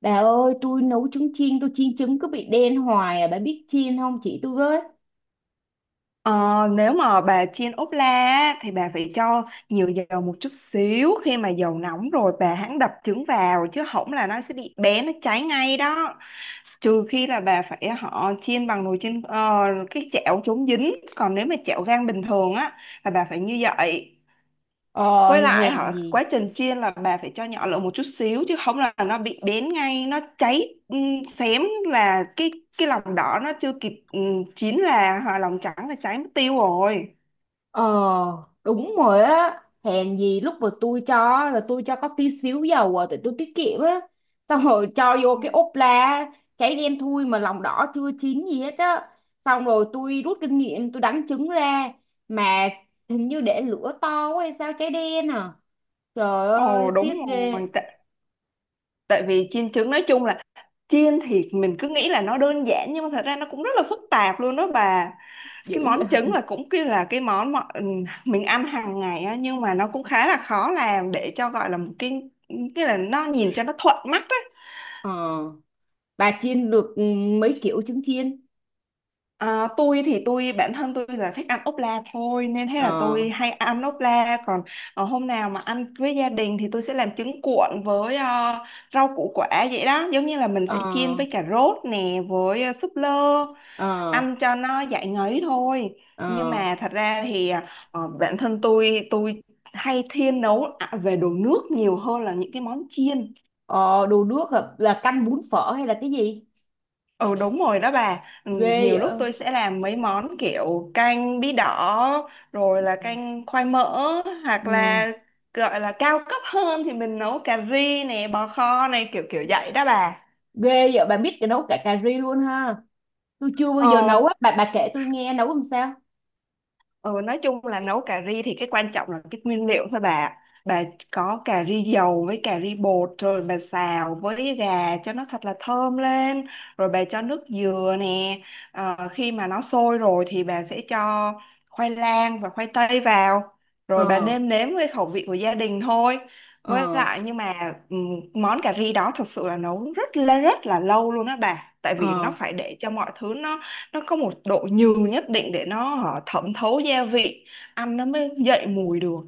Bà ơi, tôi nấu trứng chiên, tôi chiên trứng cứ bị đen hoài à, bà biết chiên không chị tôi với? Ờ, nếu mà bà chiên ốp la á, thì bà phải cho nhiều dầu một chút xíu. Khi mà dầu nóng rồi bà hãng đập trứng vào, chứ không là nó sẽ bị nó cháy ngay đó. Trừ khi là bà phải chiên bằng nồi chiên cái chảo chống dính, còn nếu mà chảo gang bình thường á là bà phải như vậy. Ờ, Với lại hèn gì? quá trình chiên là bà phải cho nhỏ lửa một chút xíu, chứ không là nó bị bén ngay, nó cháy, xém là cái lòng đỏ nó chưa kịp chín, là hoặc lòng trắng là cháy mất tiêu rồi. Ờ, đúng rồi á, hèn gì lúc mà tôi cho á, là tôi cho có tí xíu dầu à, tại tôi tiết kiệm á. Xong rồi cho vô Ừ. cái ốp la, cháy đen thui mà lòng đỏ chưa chín gì hết á. Xong rồi tôi rút kinh nghiệm, tôi đánh trứng ra, mà hình như để lửa to quá hay sao cháy đen à. Trời ơi, Ồ tiếc đúng ghê, rồi, tại vì chiên trứng nói chung là chiên thì mình cứ nghĩ là nó đơn giản, nhưng mà thật ra nó cũng rất là phức tạp luôn đó bà. dữ Cái vậy. món trứng là cũng kia là cái món mà mình ăn hàng ngày á, nhưng mà nó cũng khá là khó làm để cho gọi là một cái là nó nhìn cho nó thuận mắt á. Ờ. Bà chiên được ừ, mấy kiểu trứng chiên. À, tôi thì bản thân tôi là thích ăn ốp la thôi, nên thế là Ờ. tôi hay ăn ốp la. Còn hôm nào mà ăn với gia đình thì tôi sẽ làm trứng cuộn với rau củ quả vậy đó, giống như là mình sẽ Ờ. chiên với cà rốt nè, với súp lơ, Ờ. ăn cho nó giải ngấy thôi. Nhưng Ờ. mà thật ra thì bản thân tôi, hay thiên nấu về đồ nước nhiều hơn là những cái món chiên. Ờ đồ nước hả? Là canh bún phở hay là cái gì Ừ đúng rồi đó bà. Ừ, ghê vậy Nhiều lúc tôi sẽ làm mấy món kiểu canh bí đỏ, rồi là canh khoai mỡ. Hoặc ừ. là gọi là cao cấp hơn thì mình nấu cà ri này, bò kho này, kiểu kiểu vậy đó bà. Ghê vậy bà biết cái nấu cả cà ri luôn ha, tôi chưa bao giờ Ờ. nấu á, bà kể tôi nghe nấu làm sao. Ừ, nói chung là nấu cà ri thì cái quan trọng là cái nguyên liệu thôi bà. Bà có cà ri dầu với cà ri bột, rồi bà xào với gà cho nó thật là thơm lên, rồi bà cho nước dừa nè. Ờ, khi mà nó sôi rồi thì bà sẽ cho khoai lang và khoai tây vào, rồi bà Ờ. nêm nếm với khẩu vị của gia đình thôi. Với Ờ. lại nhưng mà món cà ri đó thật sự là nấu rất là lâu luôn đó bà, tại vì nó Ờ. phải để cho mọi thứ nó có một độ nhừ nhất định để nó, hả, thẩm thấu gia vị, ăn nó mới dậy mùi được.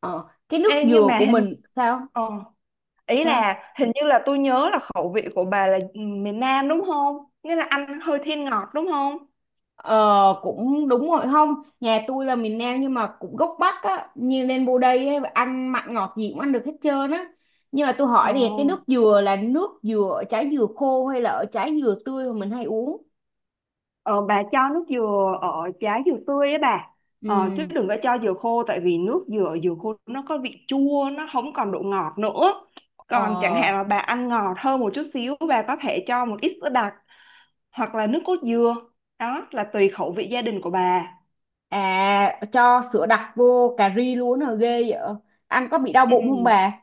Ờ cái nước Ê, nhưng dừa mà của mình sao ờ, ý sao. là hình như là tôi nhớ là khẩu vị của bà là miền Nam đúng không, nghĩa là ăn hơi thiên ngọt đúng không. Ờ cũng đúng rồi không. Nhà tôi là miền Nam nhưng mà cũng gốc Bắc á, như lên vô đây á, ăn mặn ngọt gì cũng ăn được hết trơn á. Nhưng mà tôi ờ, hỏi thì cái nước dừa là nước dừa ở trái dừa khô hay là ở trái dừa tươi mà mình hay uống. ờ bà cho nước dừa ở trái dừa tươi ấy bà. Ờ, chứ Ừ. đừng có cho dừa khô, tại vì nước dừa dừa khô nó có vị chua, nó không còn độ ngọt nữa. Ờ. Còn chẳng hạn là bà ăn ngọt hơn một chút xíu, bà có thể cho một ít sữa đặc hoặc là nước cốt dừa, đó là tùy khẩu vị gia đình của bà. À cho sữa đặc vô cà ri luôn hả, ghê vậy. Ăn có bị đau bụng không Ừ. bà?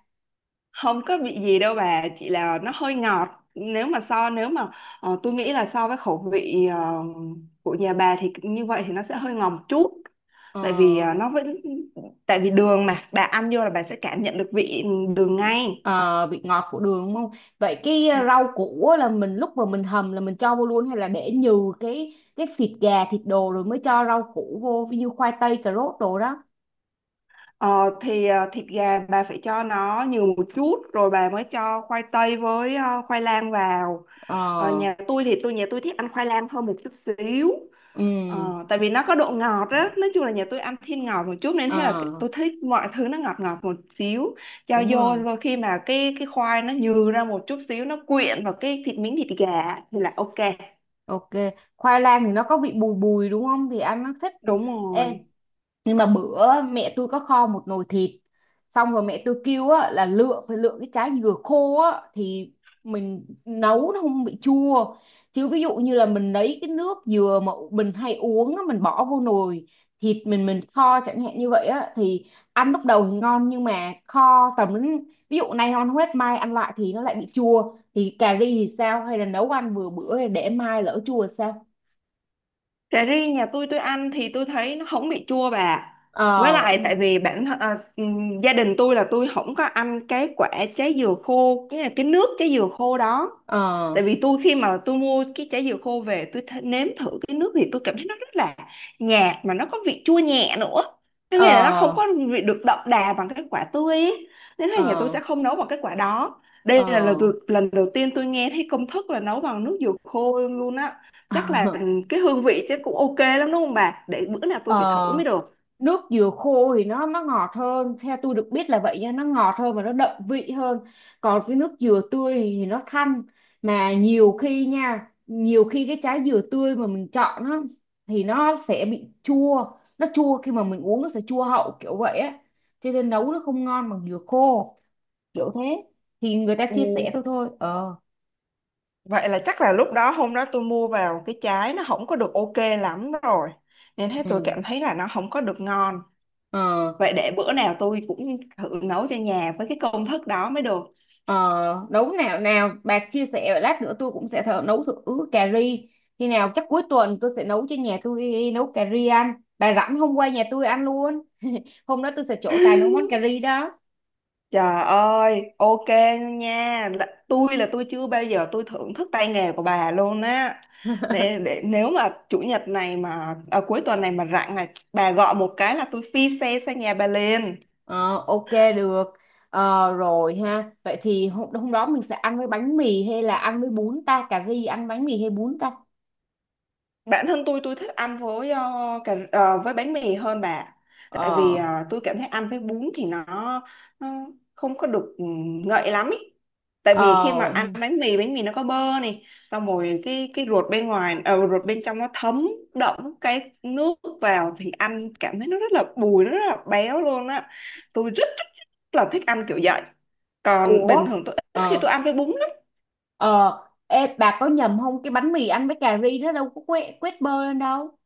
Không có bị gì đâu bà, chỉ là nó hơi ngọt. Nếu mà tôi nghĩ là so với khẩu vị của nhà bà thì như vậy thì nó sẽ hơi ngọt một chút. Ờ. Tại vì à, nó vẫn Tại vì đường mà bà ăn vô là bà sẽ cảm nhận được vị đường ngay. Ờ, vị ngọt của đường đúng không? Vậy cái rau củ á là mình lúc mà mình hầm là mình cho vô luôn hay là để nhừ cái thịt gà thịt đồ rồi mới cho rau củ vô, ví dụ khoai tây cà rốt đồ đó. Ờ, thì thịt gà bà phải cho nó nhiều một chút, rồi bà mới cho khoai tây với khoai lang vào. Ờ. Ờ, nhà tôi thích ăn khoai lang hơn một chút xíu. Ừ. Ờ, tại vì nó có độ ngọt á, nói chung là nhà tôi ăn thiên ngọt một chút, nên thế là Ờ tôi thích mọi thứ nó ngọt ngọt một xíu. Cho đúng vô, rồi. rồi khi mà cái khoai nó nhừ ra một chút xíu, nó quyện vào cái thịt miếng thịt gà thì là ok. Ok. Khoai lang thì nó có vị bùi bùi đúng không? Thì ăn nó thích. Đúng Ê, rồi. nhưng mà bữa mẹ tôi có kho một nồi thịt, xong rồi mẹ tôi kêu á, là lựa phải lựa cái trái dừa khô á, thì mình nấu nó không bị chua. Chứ ví dụ như là mình lấy cái nước dừa mà mình hay uống á, mình bỏ vô nồi thịt mình kho chẳng hạn như vậy á, thì ăn lúc đầu thì ngon nhưng mà kho tầm đến ví dụ nay ngon hết mai ăn lại thì nó lại bị chua, thì cà ri thì sao hay là nấu ăn vừa bữa để mai lỡ chua thì sao? Cà ri nhà tôi ăn thì tôi thấy nó không bị chua bà. Với Ờ vậy lại tại hả? vì gia đình tôi là tôi không có ăn cái quả trái dừa khô, cái nước trái dừa khô đó. Ờ. Tại vì khi mà tôi mua cái trái dừa khô về tôi nếm thử cái nước, thì tôi cảm thấy nó rất là nhạt, mà nó có vị chua nhẹ nữa. Có Ờ. nghĩa là nó không có vị được đậm đà bằng cái quả tươi ấy. Nên là nhà tôi Ờ. sẽ không nấu bằng cái quả đó. Ờ. Lần đầu tiên tôi nghe thấy công thức là nấu bằng nước dừa khô luôn á. Chắc là cái hương vị chứ cũng ok lắm đúng không bà, để bữa nào Ờ, tôi phải thử mới được. nước dừa khô thì nó ngọt hơn, theo tôi được biết là vậy nha, nó ngọt hơn và nó đậm vị hơn. Còn cái nước dừa tươi thì nó thanh, mà nhiều khi nha, nhiều khi cái trái dừa tươi mà mình chọn á thì nó sẽ bị chua, nó chua khi mà mình uống nó sẽ chua hậu kiểu vậy á, cho nên nấu nó không ngon bằng dừa khô kiểu thế, thì người ta Ừ, chia sẻ thôi thôi ờ. vậy là chắc là lúc đó hôm đó tôi mua vào cái trái nó không có được ok lắm rồi, nên thế tôi Ừ. cảm thấy là nó không có được ngon. Ờ. Vậy để bữa nào tôi cũng thử nấu cho nhà với cái công thức đó mới được. Ờ, nấu nào nào bà chia sẻ lát nữa tôi cũng sẽ thử nấu thử cà ri, khi nào chắc cuối tuần tôi sẽ nấu cho nhà, tôi nấu cà ri ăn, bà rảnh hôm qua nhà tôi ăn luôn. Hôm đó tôi sẽ trổ tài nấu món cà ri đó. Trời ơi, ok nha. Tôi là tôi chưa bao giờ tôi thưởng thức tay nghề của bà luôn á. Để nếu mà chủ nhật này mà à, cuối tuần này mà rảnh này, bà gọi một cái là tôi phi xe sang nhà bà liền. Ờ, ok, được. Ờ, rồi ha, vậy thì hôm đó mình sẽ ăn với bánh mì hay là ăn với bún ta, cà ri ăn bánh mì hay bún ta? Bản thân tôi, thích ăn với với bánh mì hơn bà. Tại vì Ờ. Tôi cảm thấy ăn với bún thì nó không có được ngậy lắm ý. Tại vì khi Ờ. mà ăn bánh mì, bánh mì nó có bơ này, xong rồi cái ruột ruột bên trong nó thấm đẫm cái nước vào, thì ăn cảm thấy nó rất là bùi, nó rất là béo luôn á. Tôi rất là thích ăn kiểu vậy. Còn Ủa. bình thường tôi ít khi Ờ. tôi ăn với bún lắm. Ờ. Ê bà có nhầm không, cái bánh mì ăn với cà ri nó đâu có quét quét bơ lên đâu.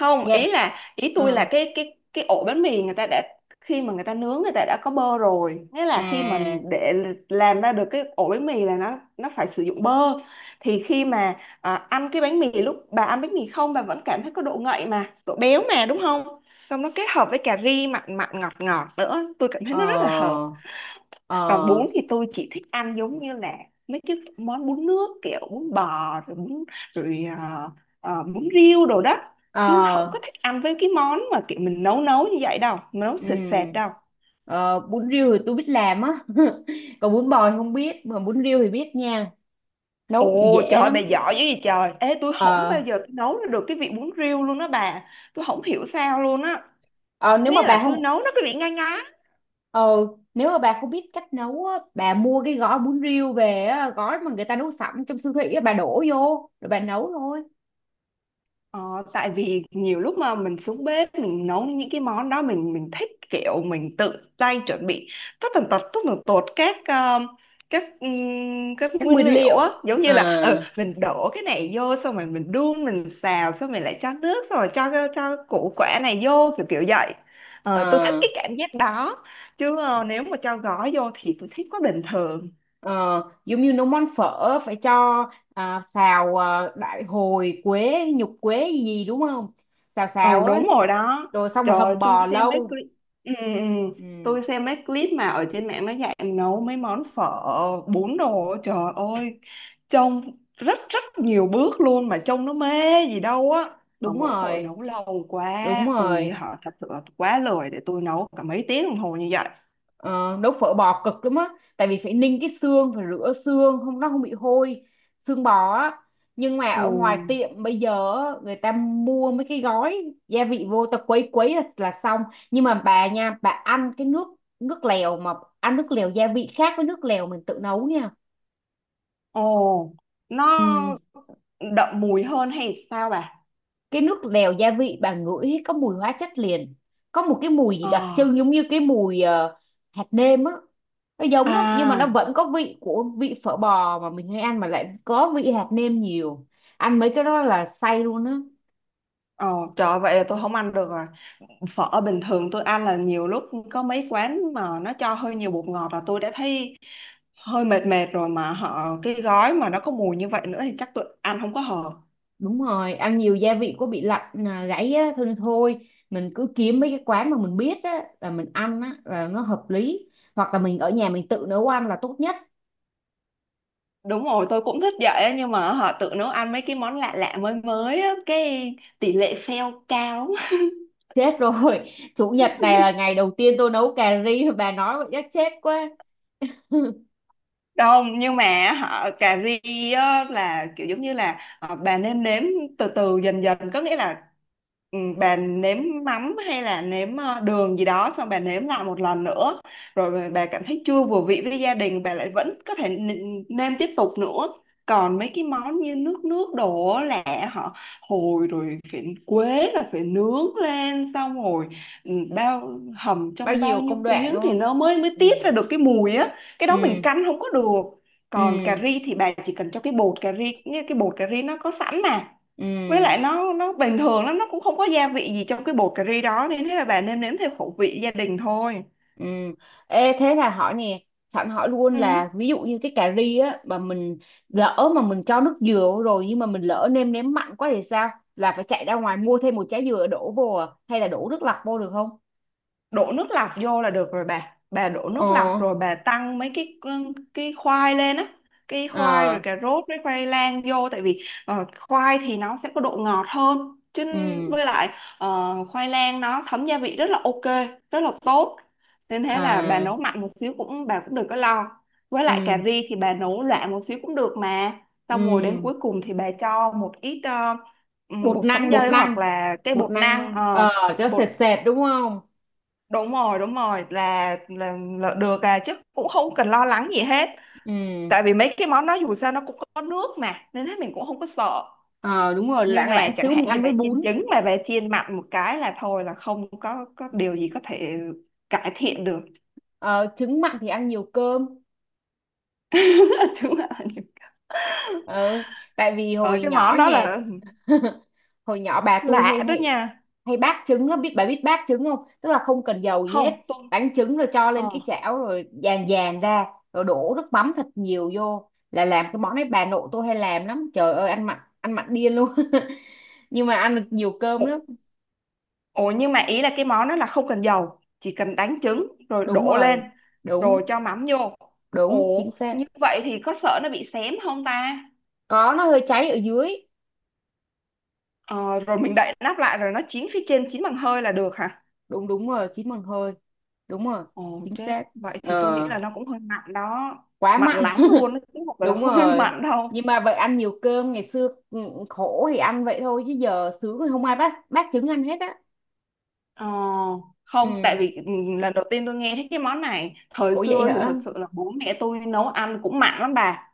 Không, Dạ. Ý tôi Ờ. là cái ổ bánh mì người ta đã, khi mà người ta nướng, người ta đã có bơ rồi. Nghĩa là khi mà À. để làm ra được cái ổ bánh mì là nó phải sử dụng bơ, thì khi mà ăn cái bánh mì, lúc bà ăn bánh mì không bà vẫn cảm thấy có độ ngậy mà độ béo mà đúng không. Xong nó kết hợp với cà ri mặn mặn ngọt ngọt nữa, tôi cảm thấy nó rất là hợp. Ờ. Còn Ờ. bún thì tôi chỉ thích ăn giống như là mấy cái món bún nước, kiểu bún bò, rồi bún rồi ờ, ờ, bún riêu đồ đó, chứ không có Ờ. thích ăn với cái món mà kiểu mình nấu nấu như vậy đâu, nấu Ừ. sệt sệt đâu. Ờ, bún riêu thì tôi biết làm á. Còn bún bò thì không biết, mà bún riêu thì biết nha. Nấu cũng Ồ trời dễ ơi, bà lắm. giỏi dữ gì trời. Ê tôi không Ờ. bao giờ tôi nấu ra được cái vị bún riêu luôn đó bà, tôi không hiểu sao luôn á. Ờ, nếu mà Nghĩa bà là tôi không nấu nó cái vị ngai ngái. ờ, nếu mà bà không biết cách nấu á, bà mua cái gói bún riêu về á, gói mà người ta nấu sẵn trong siêu thị á, bà đổ vô rồi bà nấu thôi. Ờ, tại vì nhiều lúc mà mình xuống bếp mình nấu những cái món đó, mình thích kiểu mình tự tay chuẩn bị tất tần tật, tất tần tột các các Các nguyên nguyên liệu liệu. á. Giống như là Ờ. mình đổ cái này vô, xong rồi mình đun, mình xào xong mình lại cho nước, xong rồi cho củ quả này vô, kiểu kiểu vậy. Ờ, tôi thích Ờ. cái cảm giác đó, chứ nếu mà cho gói vô thì tôi thích quá bình thường. Ờ, giống như nấu món phở phải cho xào đại hồi quế nhục quế gì gì đúng không, xào Ừ, xào á, đúng rồi đó. rồi xong rồi Trời, hầm tôi bò xem mấy lâu. clip. ừ, ừ. ừ. Ừ, Tôi xem mấy clip mà ở trên mạng nó dạy nấu mấy món phở, bún đồ, trời ơi, trông rất rất nhiều bước luôn, mà trông nó mê gì đâu á. Mà đúng mỗi tội rồi nấu lâu quá, đúng tôi rồi thật sự là quá lười để tôi nấu cả mấy tiếng đồng hồ như vậy. Ờ, nấu phở bò cực lắm á, tại vì phải ninh cái xương, phải rửa xương không nó không bị hôi, xương bò á. Nhưng mà ở Ồ. ngoài tiệm bây giờ á, người ta mua mấy cái gói gia vị vô ta quấy quấy là xong. Nhưng mà bà nha, bà ăn cái nước nước lèo mà ăn nước lèo gia vị khác với nước lèo mình tự nấu nha. Ồ, nó Ừ. đậm mùi hơn hay sao bà? Cái nước lèo gia vị bà ngửi có mùi hóa chất liền, có một cái mùi gì đặc Ờ. trưng giống như cái mùi hạt nêm á, nó giống lắm nhưng mà nó À. vẫn có vị của vị phở bò mà mình hay ăn mà lại có vị hạt nêm nhiều. Ăn mấy cái đó là say luôn á. Ồ trời ơi, vậy là tôi không ăn được rồi. Phở bình thường tôi ăn là nhiều lúc có mấy quán mà nó cho hơi nhiều bột ngọt là tôi đã thấy hơi mệt mệt rồi, mà cái gói mà nó có mùi như vậy nữa thì chắc tôi ăn không có hợp. Đúng rồi, ăn nhiều gia vị có bị lạnh gáy á thôi, nên thôi mình cứ kiếm mấy cái quán mà mình biết á là mình ăn á là nó hợp lý, hoặc là mình ở nhà mình tự nấu ăn là tốt nhất. Đúng rồi, tôi cũng thích vậy á, nhưng mà tự nấu ăn mấy cái món lạ lạ mới mới á, cái tỷ lệ fail cao. Chết rồi. Chủ nhật này là ngày đầu tiên tôi nấu cà ri, bà nói vậy chắc chết quá. Không, nhưng mà cà ri á, là kiểu giống như là bà nên nếm từ từ dần dần. Có nghĩa là bà nếm mắm hay là nếm đường gì đó, xong bà nếm lại một lần nữa, rồi bà cảm thấy chưa vừa vị với gia đình bà lại vẫn có thể nêm tiếp tục nữa. Còn mấy cái món như nước nước đổ là họ hồi rồi phải quế là phải nướng lên, xong rồi bao hầm Bao trong bao nhiêu nhiêu công đoạn tiếng đúng thì không. nó mới mới Ừ. tiết ra được cái mùi á. Cái đó mình Ừ. căn không có được. Còn cà Ừ. ri thì bà chỉ cần cho cái bột cà ri, như cái bột cà ri nó có sẵn mà. Với Ừ. lại nó bình thường lắm, nó cũng không có gia vị gì trong cái bột cà ri đó, nên thế là bà nêm nếm theo khẩu vị gia đình thôi. Ừ. Ê thế là hỏi nè, sẵn hỏi luôn Ừ. là ví dụ như cái cà ri á mà mình lỡ mà mình cho nước dừa vô rồi nhưng mà mình lỡ nêm nếm mặn quá thì sao, là phải chạy ra ngoài mua thêm một trái dừa đổ vô à? Hay là đổ nước lọc vô được không? Đổ nước lọc vô là được rồi bà đổ Ờ. nước lọc rồi bà tăng mấy cái khoai lên á, khoai rồi Ờ. cà rốt với khoai lang vô. Tại vì khoai thì nó sẽ có độ ngọt hơn chứ. Ừ. Với lại ờ, khoai lang nó thấm gia vị rất là ok, rất là tốt. Nên thế là bà À. nấu mặn một xíu cũng, bà cũng đừng có lo. Với lại cà Ừ. ri thì bà nấu loãng một xíu cũng được mà. Xong rồi đến Ừ. cuối cùng thì bà cho một ít bột bột sắn năng bột dây hoặc năng là cái Bột bột năng năng, luôn ờ, ờ, cho sệt bột sệt đúng không. đúng rồi đúng rồi, là được à, chứ cũng không cần lo lắng gì hết. Ừ. Tại vì mấy cái món đó dù sao nó cũng có nước mà, nên hết mình cũng không có sợ. Ờ đúng rồi, Nhưng loãng mà loãng chẳng xíu mình hạn như ăn bà với chiên bún. trứng mà bà chiên mặn một cái là thôi, là không có có điều gì có thể cải thiện được. Ờ, trứng mặn thì ăn nhiều cơm. Chứ mà Ờ, tại vì rồi hồi cái món nhỏ đó nhà là hồi nhỏ bà tôi hay lạ đó hay nha. hay bác trứng á, biết bà, biết bác trứng không, tức là không cần dầu gì hết, Không tôi đánh trứng rồi cho lên ờ cái chảo rồi dàn dàn ra, rồi đổ nước mắm thật nhiều vô, là làm cái món đấy. Bà nội tôi hay làm lắm, trời ơi, ăn mặn điên luôn. Nhưng mà ăn được nhiều cơm lắm. Ồ nhưng mà ý là cái món đó là không cần dầu, chỉ cần đánh trứng rồi Đúng đổ lên rồi. rồi Đúng. cho mắm vô. Ồ, Đúng chính xác. như vậy thì có sợ nó bị xém không ta? Có, nó hơi cháy ở dưới. Ờ, rồi mình đậy nắp lại rồi nó chín phía trên, chín bằng hơi là được hả? Đúng, đúng rồi, chín bằng hơi. Đúng rồi. Ồ Chính chết, xác. vậy thì tôi nghĩ Ờ. là nó cũng hơi mặn đó. Quá Mặn mặn. lắm luôn, nó cũng không phải là Đúng hơi rồi, mặn đâu. nhưng mà vậy ăn nhiều cơm ngày xưa ừ, khổ thì ăn vậy thôi, chứ giờ sướng thì không ai bắt bắt trứng ăn hết á. Ờ, không tại Ừ. vì lần đầu tiên tôi nghe thấy cái món này. Thời Ủa vậy xưa thì hả. thật sự là bố mẹ tôi nấu ăn cũng mặn lắm bà,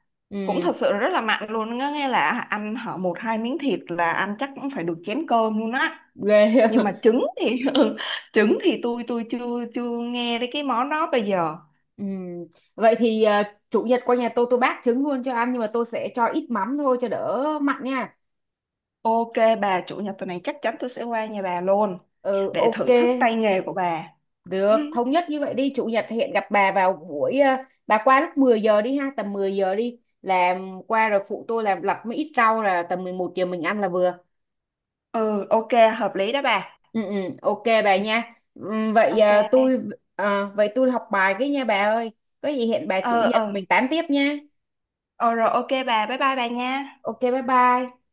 cũng Ừ. thật sự rất là mặn luôn á, nghe là ăn hở một hai miếng thịt là ăn chắc cũng phải được chén cơm luôn á. Ghê. Nhưng mà trứng thì trứng thì tôi chưa chưa nghe đến cái món đó bây giờ. Ừ, vậy thì ờ, chủ nhật qua nhà tôi bác trứng luôn cho ăn, nhưng mà tôi sẽ cho ít mắm thôi cho đỡ mặn nha. Ok bà, chủ nhật tuần này chắc chắn tôi sẽ qua nhà bà luôn Ừ, để ok, thưởng thức tay nghề của bà. được, thống nhất như vậy đi, chủ nhật hẹn gặp bà vào buổi bà qua lúc 10 giờ đi ha, tầm 10 giờ đi làm, qua rồi phụ tôi làm lặt mấy ít rau là tầm 11 giờ mình ăn là vừa. Ừ ok, hợp lý đó bà. Ừ, ừ, ok bà nha. Ừ, Ừ, vậy ok. Tôi vậy tôi học bài cái nha bà ơi. Có gì hẹn bà chủ ờ nhật ờ mình tám tiếp nha. Ờ rồi, ok bà, bye bye bà nha. Ok, bye bye.